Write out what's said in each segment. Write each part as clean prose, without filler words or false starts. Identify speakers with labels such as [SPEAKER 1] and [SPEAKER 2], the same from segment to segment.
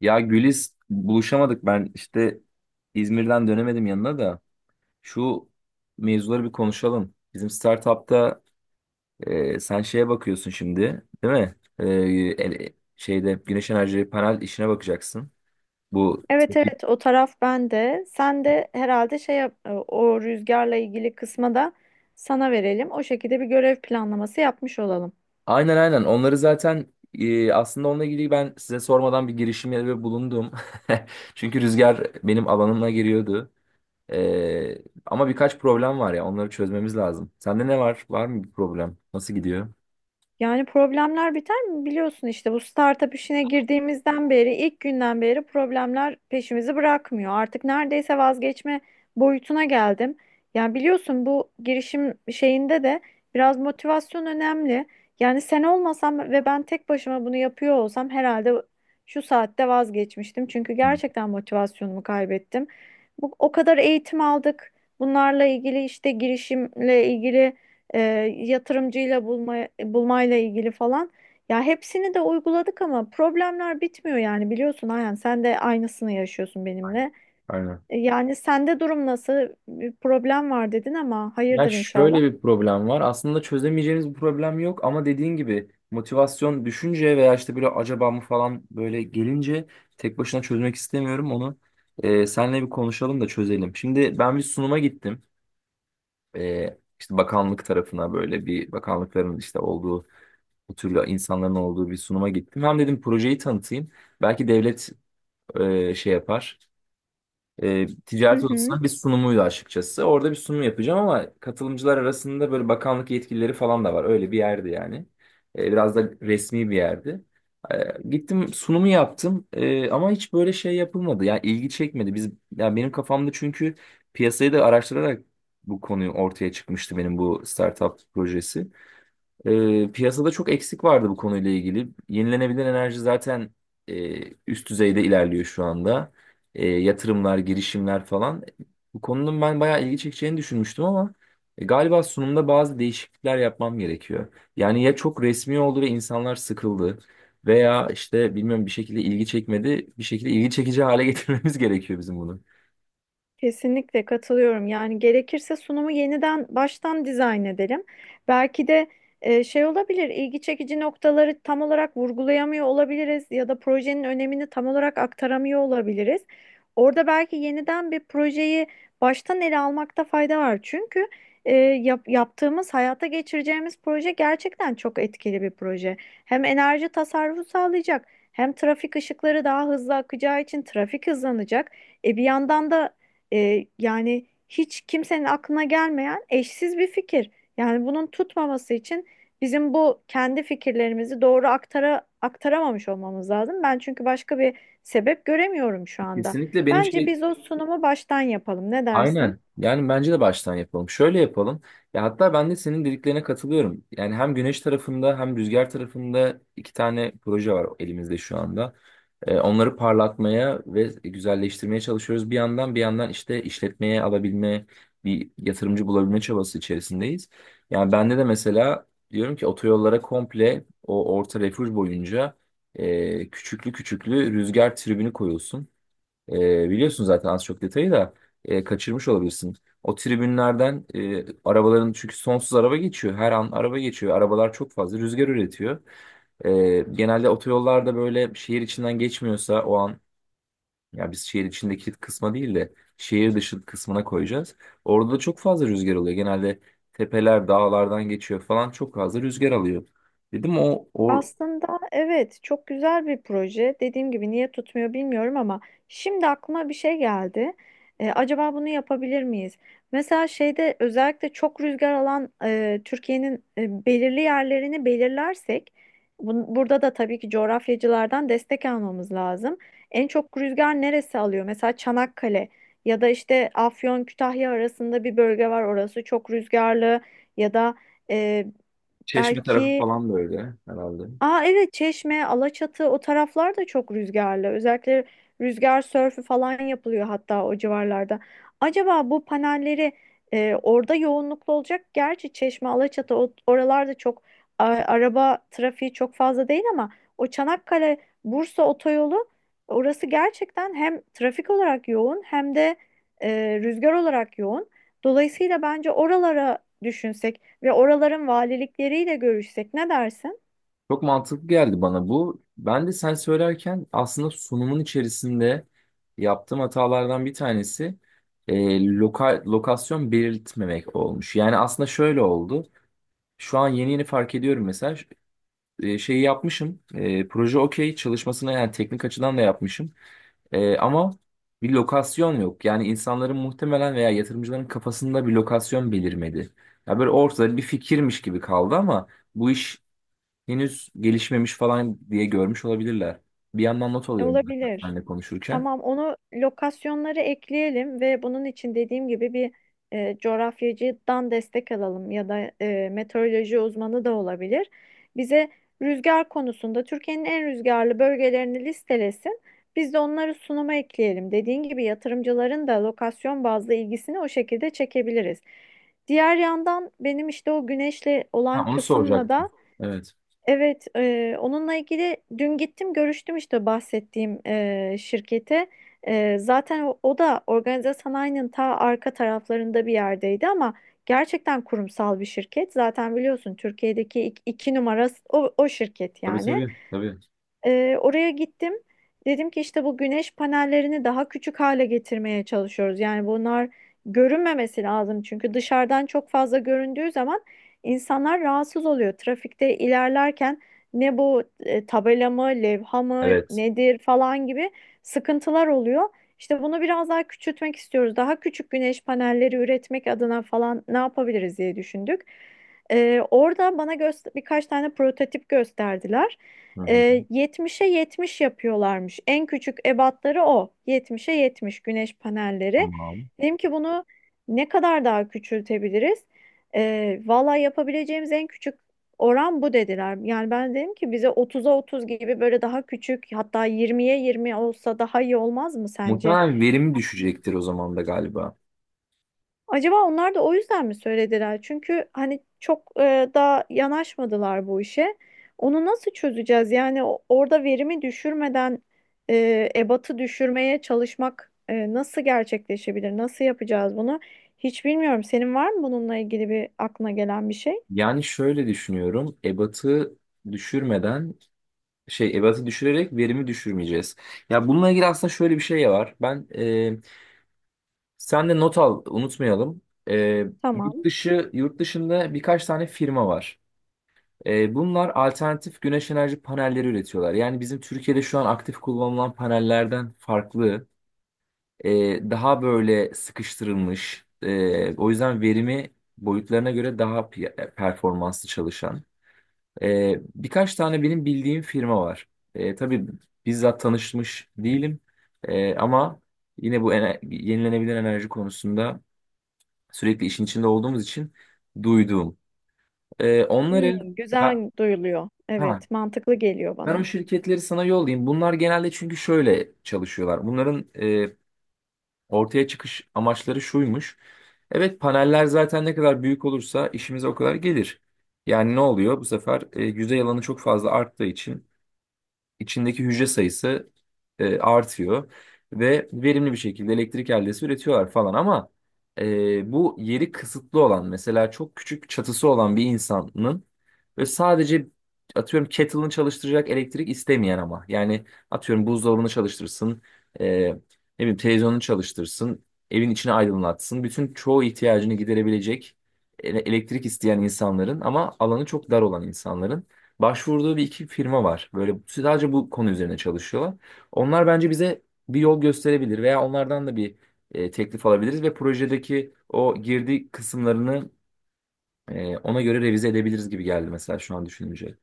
[SPEAKER 1] Ya Güliz buluşamadık ben işte İzmir'den dönemedim yanına da şu mevzuları bir konuşalım. Bizim startup'ta sen şeye bakıyorsun şimdi değil mi? Şeyde güneş enerji panel işine bakacaksın. Bu
[SPEAKER 2] Evet evet o taraf bende. Sen de herhalde o rüzgarla ilgili kısma da sana verelim. O şekilde bir görev planlaması yapmış olalım.
[SPEAKER 1] aynen aynen onları zaten aslında onunla ilgili ben size sormadan bir girişimde bulundum. Çünkü rüzgar benim alanıma giriyordu. E, ama birkaç problem var ya onları çözmemiz lazım. Sende ne var? Var mı bir problem? Nasıl gidiyor?
[SPEAKER 2] Yani problemler biter mi? Biliyorsun işte bu startup işine girdiğimizden beri, ilk günden beri problemler peşimizi bırakmıyor. Artık neredeyse vazgeçme boyutuna geldim. Yani biliyorsun bu girişim şeyinde de biraz motivasyon önemli. Yani sen olmasam ve ben tek başıma bunu yapıyor olsam herhalde şu saatte vazgeçmiştim. Çünkü
[SPEAKER 1] Hı,
[SPEAKER 2] gerçekten motivasyonumu kaybettim. Bu, o kadar eğitim aldık. Bunlarla ilgili işte girişimle ilgili e, yatırımcıyla bulma, bulmayla ilgili falan. Ya hepsini de uyguladık ama problemler bitmiyor, yani biliyorsun Ayhan, sen de aynısını yaşıyorsun benimle.
[SPEAKER 1] Aynen.
[SPEAKER 2] Yani sende durum nasıl? Bir problem var dedin ama
[SPEAKER 1] Ya
[SPEAKER 2] hayırdır inşallah.
[SPEAKER 1] şöyle bir problem var. Aslında çözemeyeceğimiz bir problem yok ama dediğin gibi motivasyon düşünce veya işte böyle acaba mı falan böyle gelince tek başına çözmek istemiyorum onu. Senle bir konuşalım da çözelim. Şimdi ben bir sunuma gittim. İşte bakanlık tarafına böyle bir bakanlıkların işte olduğu bu türlü insanların olduğu bir sunuma gittim. Hem dedim projeyi tanıtayım. Belki devlet şey yapar.
[SPEAKER 2] Hı
[SPEAKER 1] Ticaret
[SPEAKER 2] hı.
[SPEAKER 1] odasının bir sunumuydu açıkçası. Orada bir sunum yapacağım ama katılımcılar arasında böyle bakanlık yetkilileri falan da var. Öyle bir yerdi yani. Biraz da resmi bir yerdi. E, gittim sunumu yaptım ama hiç böyle şey yapılmadı. Yani ilgi çekmedi. Biz, yani benim kafamda çünkü piyasayı da araştırarak bu konuyu ortaya çıkmıştı benim bu startup projesi. Piyasada çok eksik vardı bu konuyla ilgili. Yenilenebilir enerji zaten üst düzeyde ilerliyor şu anda. Yatırımlar, girişimler falan. Bu konunun ben bayağı ilgi çekeceğini düşünmüştüm ama galiba sunumda bazı değişiklikler yapmam gerekiyor. Yani ya çok resmi oldu ve insanlar sıkıldı veya işte bilmiyorum bir şekilde ilgi çekmedi. Bir şekilde ilgi çekici hale getirmemiz gerekiyor bizim bunu.
[SPEAKER 2] Kesinlikle katılıyorum. Yani gerekirse sunumu yeniden baştan dizayn edelim. Belki de şey olabilir, ilgi çekici noktaları tam olarak vurgulayamıyor olabiliriz ya da projenin önemini tam olarak aktaramıyor olabiliriz. Orada belki yeniden bir projeyi baştan ele almakta fayda var. Çünkü yaptığımız, hayata geçireceğimiz proje gerçekten çok etkili bir proje. Hem enerji tasarrufu sağlayacak, hem trafik ışıkları daha hızlı akacağı için trafik hızlanacak. Bir yandan da yani hiç kimsenin aklına gelmeyen eşsiz bir fikir. Yani bunun tutmaması için bizim bu kendi fikirlerimizi doğru aktaramamış olmamız lazım. Ben çünkü başka bir sebep göremiyorum şu anda.
[SPEAKER 1] Kesinlikle benim
[SPEAKER 2] Bence
[SPEAKER 1] şey
[SPEAKER 2] biz o sunumu baştan yapalım. Ne dersin?
[SPEAKER 1] Aynen. Yani bence de baştan yapalım. Şöyle yapalım. Ya hatta ben de senin dediklerine katılıyorum. Yani hem güneş tarafında hem rüzgar tarafında iki tane proje var elimizde şu anda. Onları parlatmaya ve güzelleştirmeye çalışıyoruz. Bir yandan işte işletmeye alabilme, bir yatırımcı bulabilme çabası içerisindeyiz. Yani bende de mesela diyorum ki otoyollara komple o orta refüj boyunca küçüklü küçüklü rüzgar tribünü koyulsun. Biliyorsun zaten az çok detayı da kaçırmış olabilirsin. O tribünlerden arabaların çünkü sonsuz araba geçiyor. Her an araba geçiyor. Arabalar çok fazla rüzgar üretiyor. Genelde otoyollarda böyle şehir içinden geçmiyorsa o an ya biz şehir içindeki kısma değil de şehir dışı kısmına koyacağız. Orada da çok fazla rüzgar oluyor. Genelde tepeler dağlardan geçiyor falan çok fazla rüzgar alıyor. Dedim o, o
[SPEAKER 2] Aslında evet, çok güzel bir proje. Dediğim gibi niye tutmuyor bilmiyorum ama şimdi aklıma bir şey geldi. Acaba bunu yapabilir miyiz? Mesela şeyde, özellikle çok rüzgar alan Türkiye'nin belirli yerlerini belirlersek, burada da tabii ki coğrafyacılardan destek almamız lazım. En çok rüzgar neresi alıyor? Mesela Çanakkale ya da işte Afyon Kütahya arasında bir bölge var. Orası çok rüzgarlı, ya da e,
[SPEAKER 1] Çeşme tarafı
[SPEAKER 2] belki.
[SPEAKER 1] falan böyle herhalde.
[SPEAKER 2] Aa, evet, Çeşme, Alaçatı o taraflar da çok rüzgarlı. Özellikle rüzgar sörfü falan yapılıyor hatta o civarlarda. Acaba bu panelleri orada yoğunluklu olacak. Gerçi Çeşme, Alaçatı oralarda çok araba trafiği çok fazla değil ama o Çanakkale Bursa otoyolu, orası gerçekten hem trafik olarak yoğun hem de rüzgar olarak yoğun. Dolayısıyla bence oralara düşünsek ve oraların valilikleriyle görüşsek, ne dersin?
[SPEAKER 1] Çok mantıklı geldi bana bu. Ben de sen söylerken aslında sunumun içerisinde yaptığım hatalardan bir tanesi e, lokasyon belirtmemek olmuş. Yani aslında şöyle oldu. Şu an yeni yeni fark ediyorum mesela ş- e, şeyi yapmışım. E, proje okey çalışmasını yani teknik açıdan da yapmışım. Ama bir lokasyon yok. Yani insanların muhtemelen veya yatırımcıların kafasında bir lokasyon belirmedi. Ya böyle ortada bir fikirmiş gibi kaldı ama bu iş henüz gelişmemiş falan diye görmüş olabilirler. Bir yandan not alıyorum zaten
[SPEAKER 2] Olabilir.
[SPEAKER 1] seninle konuşurken.
[SPEAKER 2] Tamam, onu, lokasyonları ekleyelim ve bunun için dediğim gibi bir coğrafyacıdan destek alalım ya da meteoroloji uzmanı da olabilir. Bize rüzgar konusunda Türkiye'nin en rüzgarlı bölgelerini listelesin. Biz de onları sunuma ekleyelim. Dediğin gibi yatırımcıların da lokasyon bazlı ilgisini o şekilde çekebiliriz. Diğer yandan benim işte o güneşle
[SPEAKER 1] Ha,
[SPEAKER 2] olan
[SPEAKER 1] onu
[SPEAKER 2] kısımla
[SPEAKER 1] soracaktım.
[SPEAKER 2] da.
[SPEAKER 1] Evet.
[SPEAKER 2] Evet, onunla ilgili dün gittim görüştüm işte bahsettiğim şirkete. Zaten o da organize sanayinin ta arka taraflarında bir yerdeydi ama gerçekten kurumsal bir şirket. Zaten biliyorsun Türkiye'deki iki numara o şirket
[SPEAKER 1] Tabii
[SPEAKER 2] yani.
[SPEAKER 1] tabii. Tabii.
[SPEAKER 2] Oraya gittim. Dedim ki işte bu güneş panellerini daha küçük hale getirmeye çalışıyoruz. Yani bunlar görünmemesi lazım, çünkü dışarıdan çok fazla göründüğü zaman insanlar rahatsız oluyor. Trafikte ilerlerken ne bu, tabela mı, levha mı,
[SPEAKER 1] Evet.
[SPEAKER 2] nedir falan gibi sıkıntılar oluyor. İşte bunu biraz daha küçültmek istiyoruz. Daha küçük güneş panelleri üretmek adına falan ne yapabiliriz diye düşündük. Orada bana birkaç tane prototip gösterdiler.
[SPEAKER 1] Hı hı.
[SPEAKER 2] 70'e 70 yapıyorlarmış. En küçük ebatları o. 70'e 70 güneş panelleri.
[SPEAKER 1] Tamam.
[SPEAKER 2] Dedim ki bunu ne kadar daha küçültebiliriz? Valla yapabileceğimiz en küçük oran bu dediler. Yani ben dedim ki bize 30'a 30 gibi, böyle daha küçük, hatta 20'ye 20 olsa daha iyi olmaz mı sence?
[SPEAKER 1] Muhtemelen verimi düşecektir o zaman da galiba.
[SPEAKER 2] Acaba onlar da o yüzden mi söylediler? Çünkü hani çok daha yanaşmadılar bu işe. Onu nasıl çözeceğiz? Yani orada verimi düşürmeden ebatı düşürmeye çalışmak nasıl gerçekleşebilir? Nasıl yapacağız bunu? Hiç bilmiyorum. Senin var mı bununla ilgili bir aklına gelen bir şey?
[SPEAKER 1] Yani şöyle düşünüyorum. Ebatı düşürmeden şey ebatı düşürerek verimi düşürmeyeceğiz. Ya bununla ilgili aslında şöyle bir şey var. Ben sen de not al unutmayalım. E, yurt
[SPEAKER 2] Tamam.
[SPEAKER 1] dışı yurt dışında birkaç tane firma var. Bunlar alternatif güneş enerji panelleri üretiyorlar. Yani bizim Türkiye'de şu an aktif kullanılan panellerden farklı, e, daha böyle sıkıştırılmış, o yüzden verimi boyutlarına göre performanslı çalışan. Birkaç tane benim bildiğim firma var. Tabii bizzat tanışmış değilim ama yine bu yenilenebilir enerji konusunda sürekli işin içinde olduğumuz için duyduğum. E,
[SPEAKER 2] Hmm,
[SPEAKER 1] onları ben,
[SPEAKER 2] güzel duyuluyor. Evet, mantıklı geliyor
[SPEAKER 1] Ben o
[SPEAKER 2] bana.
[SPEAKER 1] şirketleri sana yollayayım. Bunlar genelde çünkü şöyle çalışıyorlar. Bunların ortaya çıkış amaçları şuymuş. Evet paneller zaten ne kadar büyük olursa işimize o kadar gelir. Yani ne oluyor? Bu sefer yüzey alanı çok fazla arttığı için içindeki hücre sayısı artıyor ve verimli bir şekilde elektrik eldesi üretiyorlar falan ama bu yeri kısıtlı olan mesela çok küçük çatısı olan bir insanın ve sadece atıyorum kettle'ını çalıştıracak elektrik istemeyen ama yani atıyorum buzdolabını çalıştırsın e, ne bileyim televizyonunu çalıştırsın evin içini aydınlatsın bütün çoğu ihtiyacını giderebilecek elektrik isteyen insanların ama alanı çok dar olan insanların başvurduğu bir iki firma var. Böyle sadece bu konu üzerine çalışıyorlar. Onlar bence bize bir yol gösterebilir veya onlardan da bir teklif alabiliriz ve projedeki o girdi kısımlarını ona göre revize edebiliriz gibi geldi mesela şu an düşününce.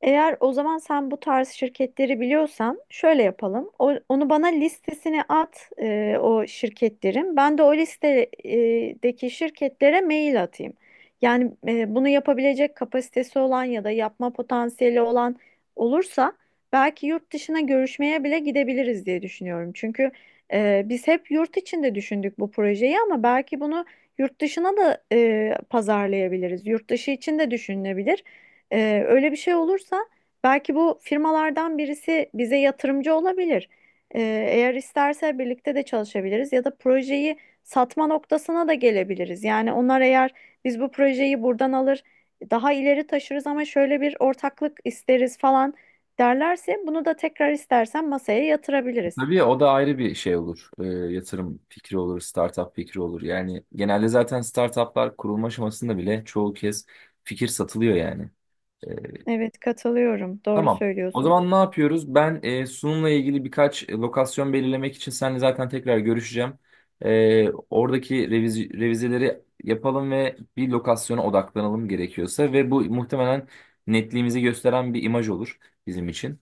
[SPEAKER 2] Eğer o zaman sen bu tarz şirketleri biliyorsan şöyle yapalım. Onu bana listesini at, o şirketlerin. Ben de o listedeki şirketlere mail atayım. Yani bunu yapabilecek kapasitesi olan ya da yapma potansiyeli olan olursa, belki yurt dışına görüşmeye bile gidebiliriz diye düşünüyorum. Çünkü biz hep yurt içinde düşündük bu projeyi ama belki bunu yurt dışına da pazarlayabiliriz. Yurt dışı için de düşünülebilir. Öyle bir şey olursa belki bu firmalardan birisi bize yatırımcı olabilir. Ee, eğer isterse birlikte de çalışabiliriz ya da projeyi satma noktasına da gelebiliriz. Yani onlar, eğer biz bu projeyi buradan alır daha ileri taşırız ama şöyle bir ortaklık isteriz falan derlerse, bunu da tekrar istersen masaya yatırabiliriz.
[SPEAKER 1] Tabii ya, o da ayrı bir şey olur. E, yatırım fikri olur, startup fikri olur. Yani genelde zaten startuplar kurulma aşamasında bile çoğu kez fikir satılıyor yani.
[SPEAKER 2] Evet, katılıyorum. Doğru
[SPEAKER 1] Tamam. O
[SPEAKER 2] söylüyorsun.
[SPEAKER 1] zaman ne yapıyoruz? Ben sunumla ilgili birkaç lokasyon belirlemek için seninle zaten tekrar görüşeceğim. Oradaki revizeleri yapalım ve bir lokasyona odaklanalım gerekiyorsa ve bu muhtemelen netliğimizi gösteren bir imaj olur bizim için.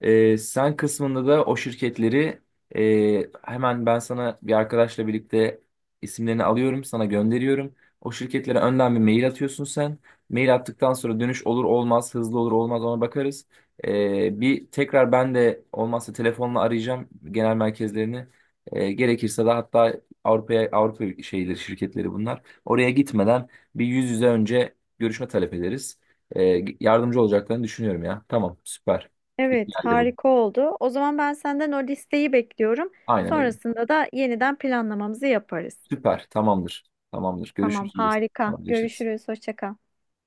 [SPEAKER 1] Sen kısmında da o şirketleri hemen ben sana bir arkadaşla birlikte isimlerini alıyorum, sana gönderiyorum. O şirketlere önden bir mail atıyorsun sen. Mail attıktan sonra dönüş olur olmaz, hızlı olur olmaz ona bakarız. Bir tekrar ben de olmazsa telefonla arayacağım genel merkezlerini. Gerekirse de hatta Avrupa'ya Avrupa şeyleri şirketleri bunlar. Oraya gitmeden bir yüz yüze önce görüşme talep ederiz. Yardımcı olacaklarını düşünüyorum ya. Tamam, süper. İyi
[SPEAKER 2] Evet,
[SPEAKER 1] geldi bu.
[SPEAKER 2] harika oldu. O zaman ben senden o listeyi bekliyorum.
[SPEAKER 1] Aynen öyle.
[SPEAKER 2] Sonrasında da yeniden planlamamızı yaparız.
[SPEAKER 1] Süper, tamamdır. Tamamdır.
[SPEAKER 2] Tamam,
[SPEAKER 1] Görüşürüz.
[SPEAKER 2] harika.
[SPEAKER 1] Tamamdır.
[SPEAKER 2] Görüşürüz. Hoşça kal.